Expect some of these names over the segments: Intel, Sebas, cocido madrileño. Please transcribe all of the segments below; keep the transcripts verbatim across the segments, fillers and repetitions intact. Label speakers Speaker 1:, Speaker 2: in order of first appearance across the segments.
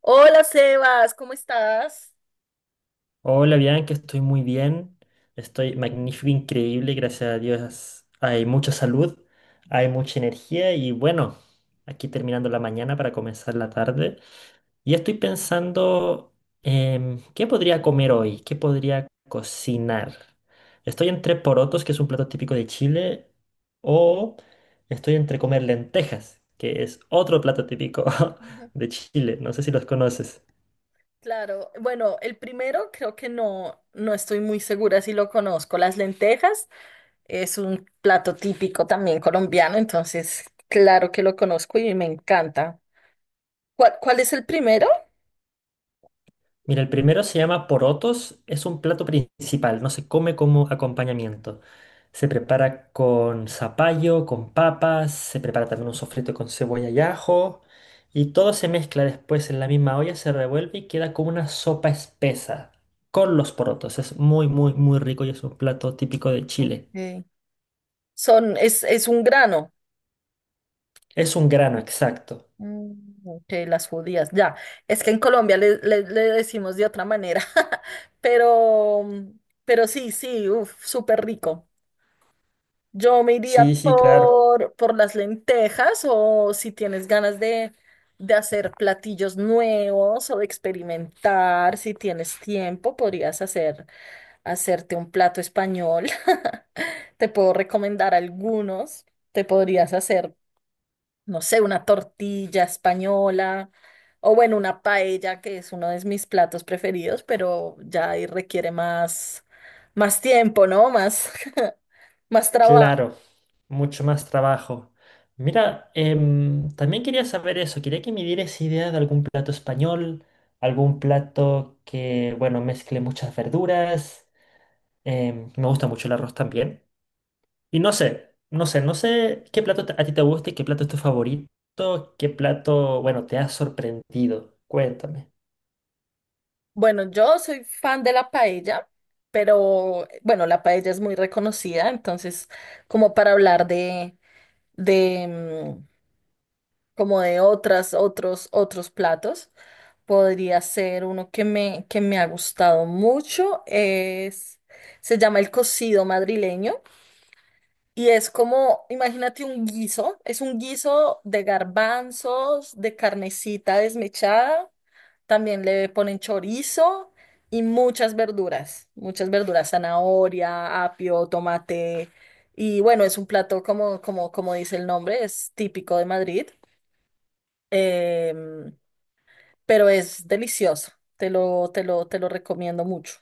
Speaker 1: Hola Sebas, ¿cómo estás?
Speaker 2: Hola, Bianca, estoy muy bien. Estoy magnífico, increíble, gracias a Dios. Hay mucha salud, hay mucha energía y bueno, aquí terminando la mañana para comenzar la tarde. Y estoy pensando, em, ¿qué podría comer hoy? ¿Qué podría cocinar? Estoy entre porotos, que es un plato típico de Chile, o estoy entre comer lentejas, que es otro plato típico de Chile. No sé si los conoces.
Speaker 1: Claro, bueno, el primero creo que no, no estoy muy segura si lo conozco. Las lentejas es un plato típico también colombiano, entonces claro que lo conozco y me encanta. ¿Cuál, cuál es el primero?
Speaker 2: Mira, el primero se llama porotos, es un plato principal, no se come como acompañamiento. Se prepara con zapallo, con papas, se prepara también un sofrito con cebolla y ajo, y todo se mezcla después en la misma olla, se revuelve y queda como una sopa espesa con los porotos. Es muy, muy, muy rico y es un plato típico de Chile.
Speaker 1: Ok. Son, es, es un grano.
Speaker 2: Es un grano, exacto.
Speaker 1: Mm, ok, las judías, ya. Es que en Colombia le, le- le decimos de otra manera, pero, pero sí, sí, uf, súper rico. Yo me iría
Speaker 2: Sí, sí, claro.
Speaker 1: por, por las lentejas o si tienes ganas de, de hacer platillos nuevos o de experimentar, si tienes tiempo, podrías hacer, hacerte un plato español. Te puedo recomendar algunos. Te podrías hacer, no sé, una tortilla española o bueno, una paella, que es uno de mis platos preferidos, pero ya ahí requiere más, más tiempo, ¿no? Más, más trabajo.
Speaker 2: Claro, mucho más trabajo. Mira, em, también quería saber eso, quería que me dieras idea de algún plato español, algún plato que, bueno, mezcle muchas verduras. Em, me gusta mucho el arroz también. Y no sé, no sé, no sé qué plato te- a ti te gusta y qué plato es tu favorito, qué plato, bueno, te ha sorprendido. Cuéntame.
Speaker 1: Bueno, yo soy fan de la paella, pero bueno, la paella es muy reconocida, entonces como para hablar de, de, mm, como de otras, otros, otros platos. Podría ser uno que me, que me ha gustado mucho, es, se llama el cocido madrileño y es como, imagínate un guiso, es un guiso de garbanzos, de carnecita desmechada, también le ponen chorizo y muchas verduras, muchas verduras, zanahoria, apio, tomate y bueno, es un plato como, como, como dice el nombre, es típico de Madrid. Em, pero es delicioso. Te lo, te lo, te lo recomiendo mucho.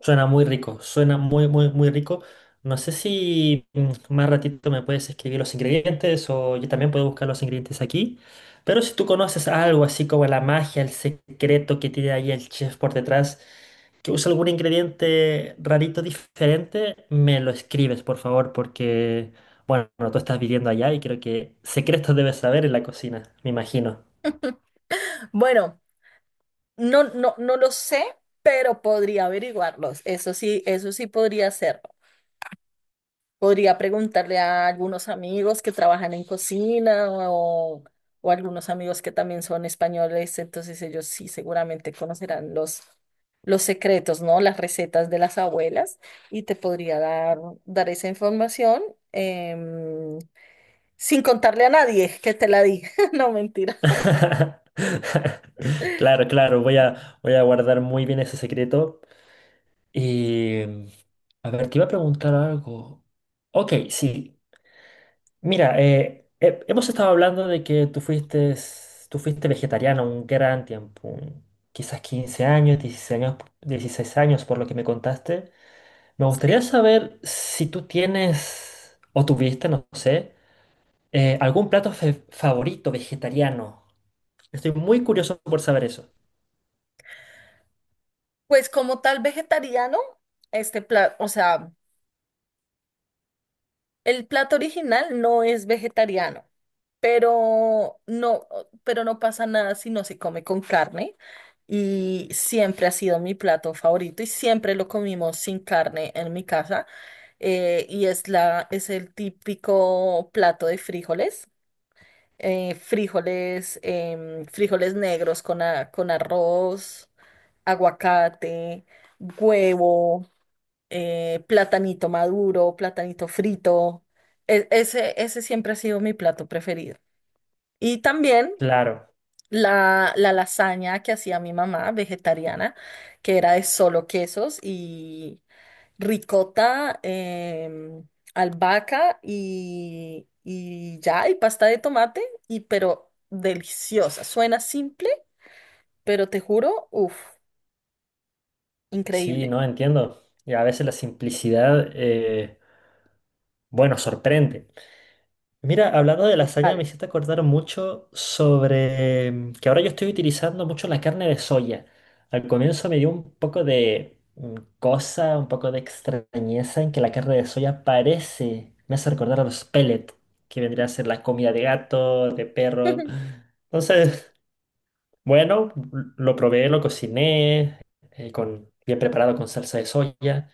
Speaker 2: Suena muy rico, suena muy, muy, muy rico. No sé si mm, más ratito me puedes escribir los ingredientes o yo también puedo buscar los ingredientes aquí. Pero si tú conoces algo así como la magia, el secreto que tiene ahí el chef por detrás, que usa algún ingrediente rarito diferente, me lo escribes, por favor, porque, bueno, tú estás viviendo allá y creo que secretos debes saber en la cocina, me imagino.
Speaker 1: Bueno, no, no, no lo sé, pero podría averiguarlos. Eso sí, eso sí podría hacerlo. Podría preguntarle a algunos amigos que trabajan en cocina o, o algunos amigos que también son españoles, entonces ellos sí seguramente conocerán los, los secretos, ¿no? Las recetas de las abuelas y te podría dar, dar esa información em, sin contarle a nadie que te la di. No, mentira.
Speaker 2: Claro, claro, voy a, voy a guardar muy bien ese secreto. Y, a ver, te iba a preguntar algo. Ok, sí. Mira, eh, he- hemos estado hablando de que tú fuiste, tú fuiste vegetariano un gran tiempo, un- quizás quince años, dieciséis años, dieciséis años, por lo que me contaste. Me gustaría
Speaker 1: Sí,
Speaker 2: saber si tú tienes, o tuviste, no sé, eh, algún plato fe- favorito vegetariano. Estoy muy curioso por saber eso.
Speaker 1: pues como tal vegetariano, este plato, o sea, el plato original no es vegetariano, pero no, pero no pasa nada si no se come con carne y siempre ha sido mi plato favorito y siempre lo comimos sin carne en mi casa, eh, y es la, es el típico plato de frijoles, eh, frijoles, em, frijoles negros con, a- con arroz, aguacate, huevo. Eh, platanito maduro, platanito frito. E- ese, ese siempre ha sido mi plato preferido. Y también
Speaker 2: Claro,
Speaker 1: la, la lasaña que hacía mi mamá, vegetariana, que era de solo quesos y ricota, em, albahaca y, y ya, y pasta de tomate, y pero deliciosa. Suena simple, pero te juro, uff,
Speaker 2: sí,
Speaker 1: increíble,
Speaker 2: no entiendo. Y a veces la simplicidad, eh, bueno, sorprende. Mira, hablando de lasaña, me
Speaker 1: total.
Speaker 2: hiciste acordar mucho sobre mm, que ahora yo estoy utilizando mucho la carne de soya. Al comienzo me dio un poco de mm, cosa, un poco de extrañeza en que la carne de soya parece, me hace recordar a los pellets, que vendría a ser la comida de gato, de perro. Entonces, bueno, lo probé, lo cociné, eh, con, bien preparado con salsa de soya.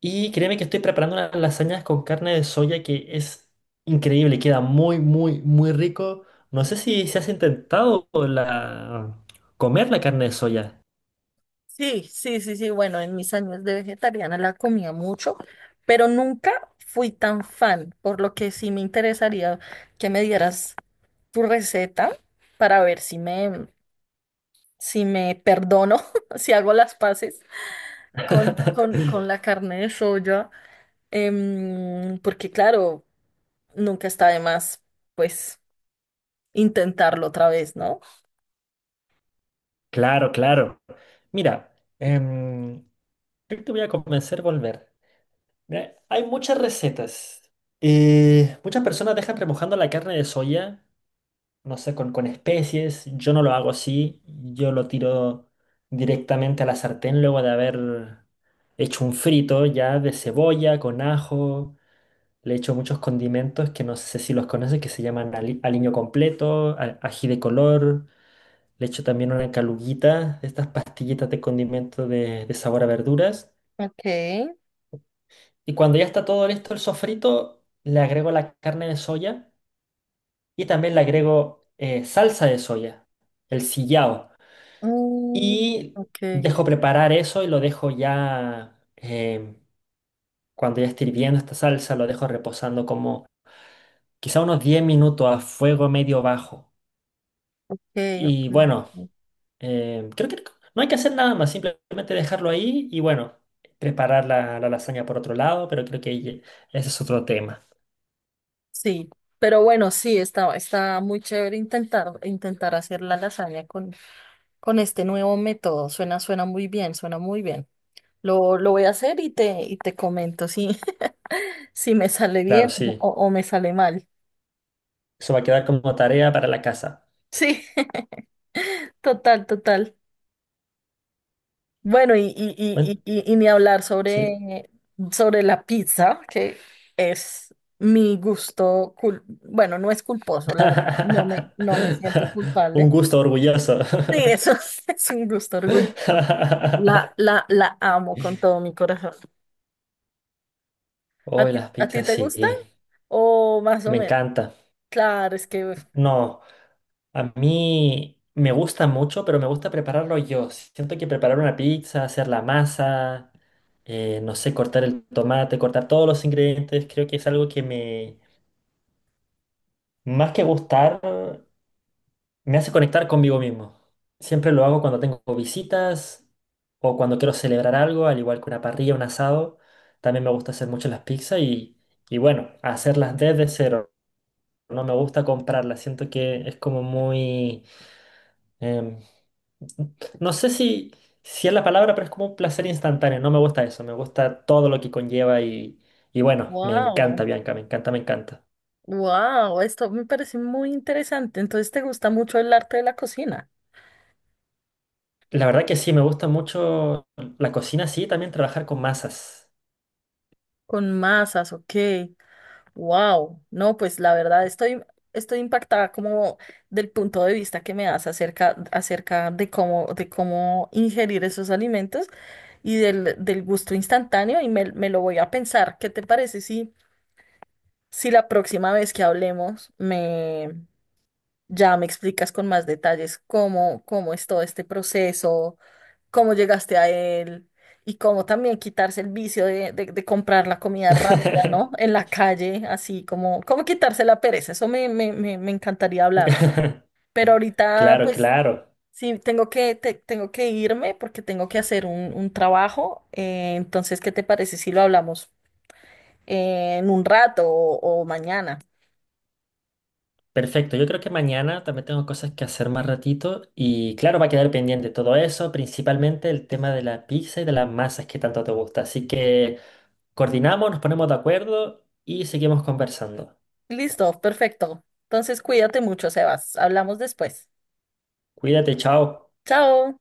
Speaker 2: Y créeme que estoy preparando unas lasañas con carne de soya que es increíble, queda muy, muy, muy rico. No sé si se has intentado la... comer la carne de soya.
Speaker 1: Sí, sí, sí, sí. Bueno, en mis años de vegetariana la comía mucho, pero nunca fui tan fan, por lo que sí me interesaría que me dieras tu receta para ver si me, si me perdono, si hago las paces con, con, con la carne de soya, em, porque claro, nunca está de más, pues, intentarlo otra vez, ¿no?
Speaker 2: Claro, claro. Mira, em, yo te voy a convencer volver. Mira, hay muchas recetas. Eh, muchas personas dejan remojando la carne de soya. No sé, con, con especies. Yo no lo hago así, yo lo tiro directamente a la sartén luego de haber hecho un frito ya de cebolla, con ajo. Le echo muchos condimentos que no sé si los conoces, que se llaman ali- aliño completo, a- ají de color. Le echo también una caluguita, de estas pastillitas de condimento de, de sabor a verduras.
Speaker 1: Ok.
Speaker 2: Y cuando ya está todo listo el sofrito, le agrego la carne de soya y también le agrego eh, salsa de soya, el sillao.
Speaker 1: Mm,
Speaker 2: Y
Speaker 1: ok,
Speaker 2: dejo preparar eso y lo dejo ya, eh, cuando ya esté hirviendo esta salsa, lo dejo reposando como quizá unos diez minutos a fuego medio bajo.
Speaker 1: ok, ok.
Speaker 2: Y bueno,
Speaker 1: Ok.
Speaker 2: eh, creo que no hay que hacer nada más, simplemente dejarlo ahí y bueno, preparar la, la lasaña por otro lado, pero creo que ye- ese es otro tema.
Speaker 1: Sí, pero bueno, sí, está, está muy chévere intentar, intentar hacer la lasaña con, con este nuevo método. Suena, suena muy bien, suena muy bien. Lo, lo voy a hacer y te, y te comento si, si me sale
Speaker 2: Claro,
Speaker 1: bien o,
Speaker 2: sí.
Speaker 1: o me sale mal.
Speaker 2: Eso va a quedar como tarea para la casa.
Speaker 1: Sí, total, total. Bueno, y, y,
Speaker 2: Cuen-
Speaker 1: y, y, y- y ni hablar
Speaker 2: Sí.
Speaker 1: sobre, sobre la pizza, que es mi gusto, cul- bueno, no es culposo, la verdad, no me, no me siento
Speaker 2: Un
Speaker 1: culpable.
Speaker 2: gusto orgulloso.
Speaker 1: Sí, eso es, un gusto orgulloso. La, la, la amo con todo mi corazón. ¿A
Speaker 2: Oh,
Speaker 1: ti,
Speaker 2: las
Speaker 1: a ti
Speaker 2: pizzas,
Speaker 1: te
Speaker 2: sí,
Speaker 1: gustan? O más o
Speaker 2: me
Speaker 1: menos.
Speaker 2: encanta.
Speaker 1: Claro, es que,
Speaker 2: No, a mí me gusta mucho, pero me gusta prepararlo yo. Siento que preparar una pizza, hacer la masa, eh, no sé, cortar el tomate, cortar todos los ingredientes, creo que es algo que me, más que gustar, me hace conectar conmigo mismo. Siempre lo hago cuando tengo visitas o cuando quiero celebrar algo, al igual que una parrilla, un asado. También me gusta hacer mucho las pizzas y, y bueno, hacerlas desde cero. No me gusta comprarla, siento que es como muy... em, no sé si, si es la palabra, pero es como un placer instantáneo. No me gusta eso, me gusta todo lo que conlleva y, y bueno, me encanta
Speaker 1: wow,
Speaker 2: Bianca, me encanta, me encanta.
Speaker 1: wow, esto me parece muy interesante. Entonces, ¿te gusta mucho el arte de la cocina?
Speaker 2: La verdad que sí, me gusta mucho la cocina, sí, también trabajar con masas.
Speaker 1: Con masas, ok. Wow, no, pues la verdad estoy, estoy impactada como del punto de vista que me das acerca, acerca de cómo, de cómo ingerir esos alimentos y del, del gusto instantáneo y me, me lo voy a pensar. ¿Qué te parece si, si la próxima vez que hablemos ya me explicas con más detalles cómo, cómo es todo este proceso, cómo llegaste a él y cómo también quitarse el vicio de, de- de comprar la comida rápida, ¿no? En la calle, así como, cómo quitarse la pereza. Eso me, me, me, me encantaría hablarlo. Pero ahorita,
Speaker 2: Claro,
Speaker 1: pues,
Speaker 2: claro.
Speaker 1: sí, tengo que, te- tengo que irme porque tengo que hacer un, un trabajo. Eh, entonces, ¿qué te parece si lo hablamos eh, en un rato o o mañana?
Speaker 2: Perfecto, yo creo que mañana también tengo cosas que hacer más ratito y claro, va a quedar pendiente todo eso, principalmente el tema de la pizza y de las masas que tanto te gusta. Así que... Coordinamos, nos ponemos de acuerdo y seguimos conversando.
Speaker 1: Listo, perfecto. Entonces, cuídate mucho, Sebas. Hablamos después.
Speaker 2: Cuídate, chao.
Speaker 1: Chao.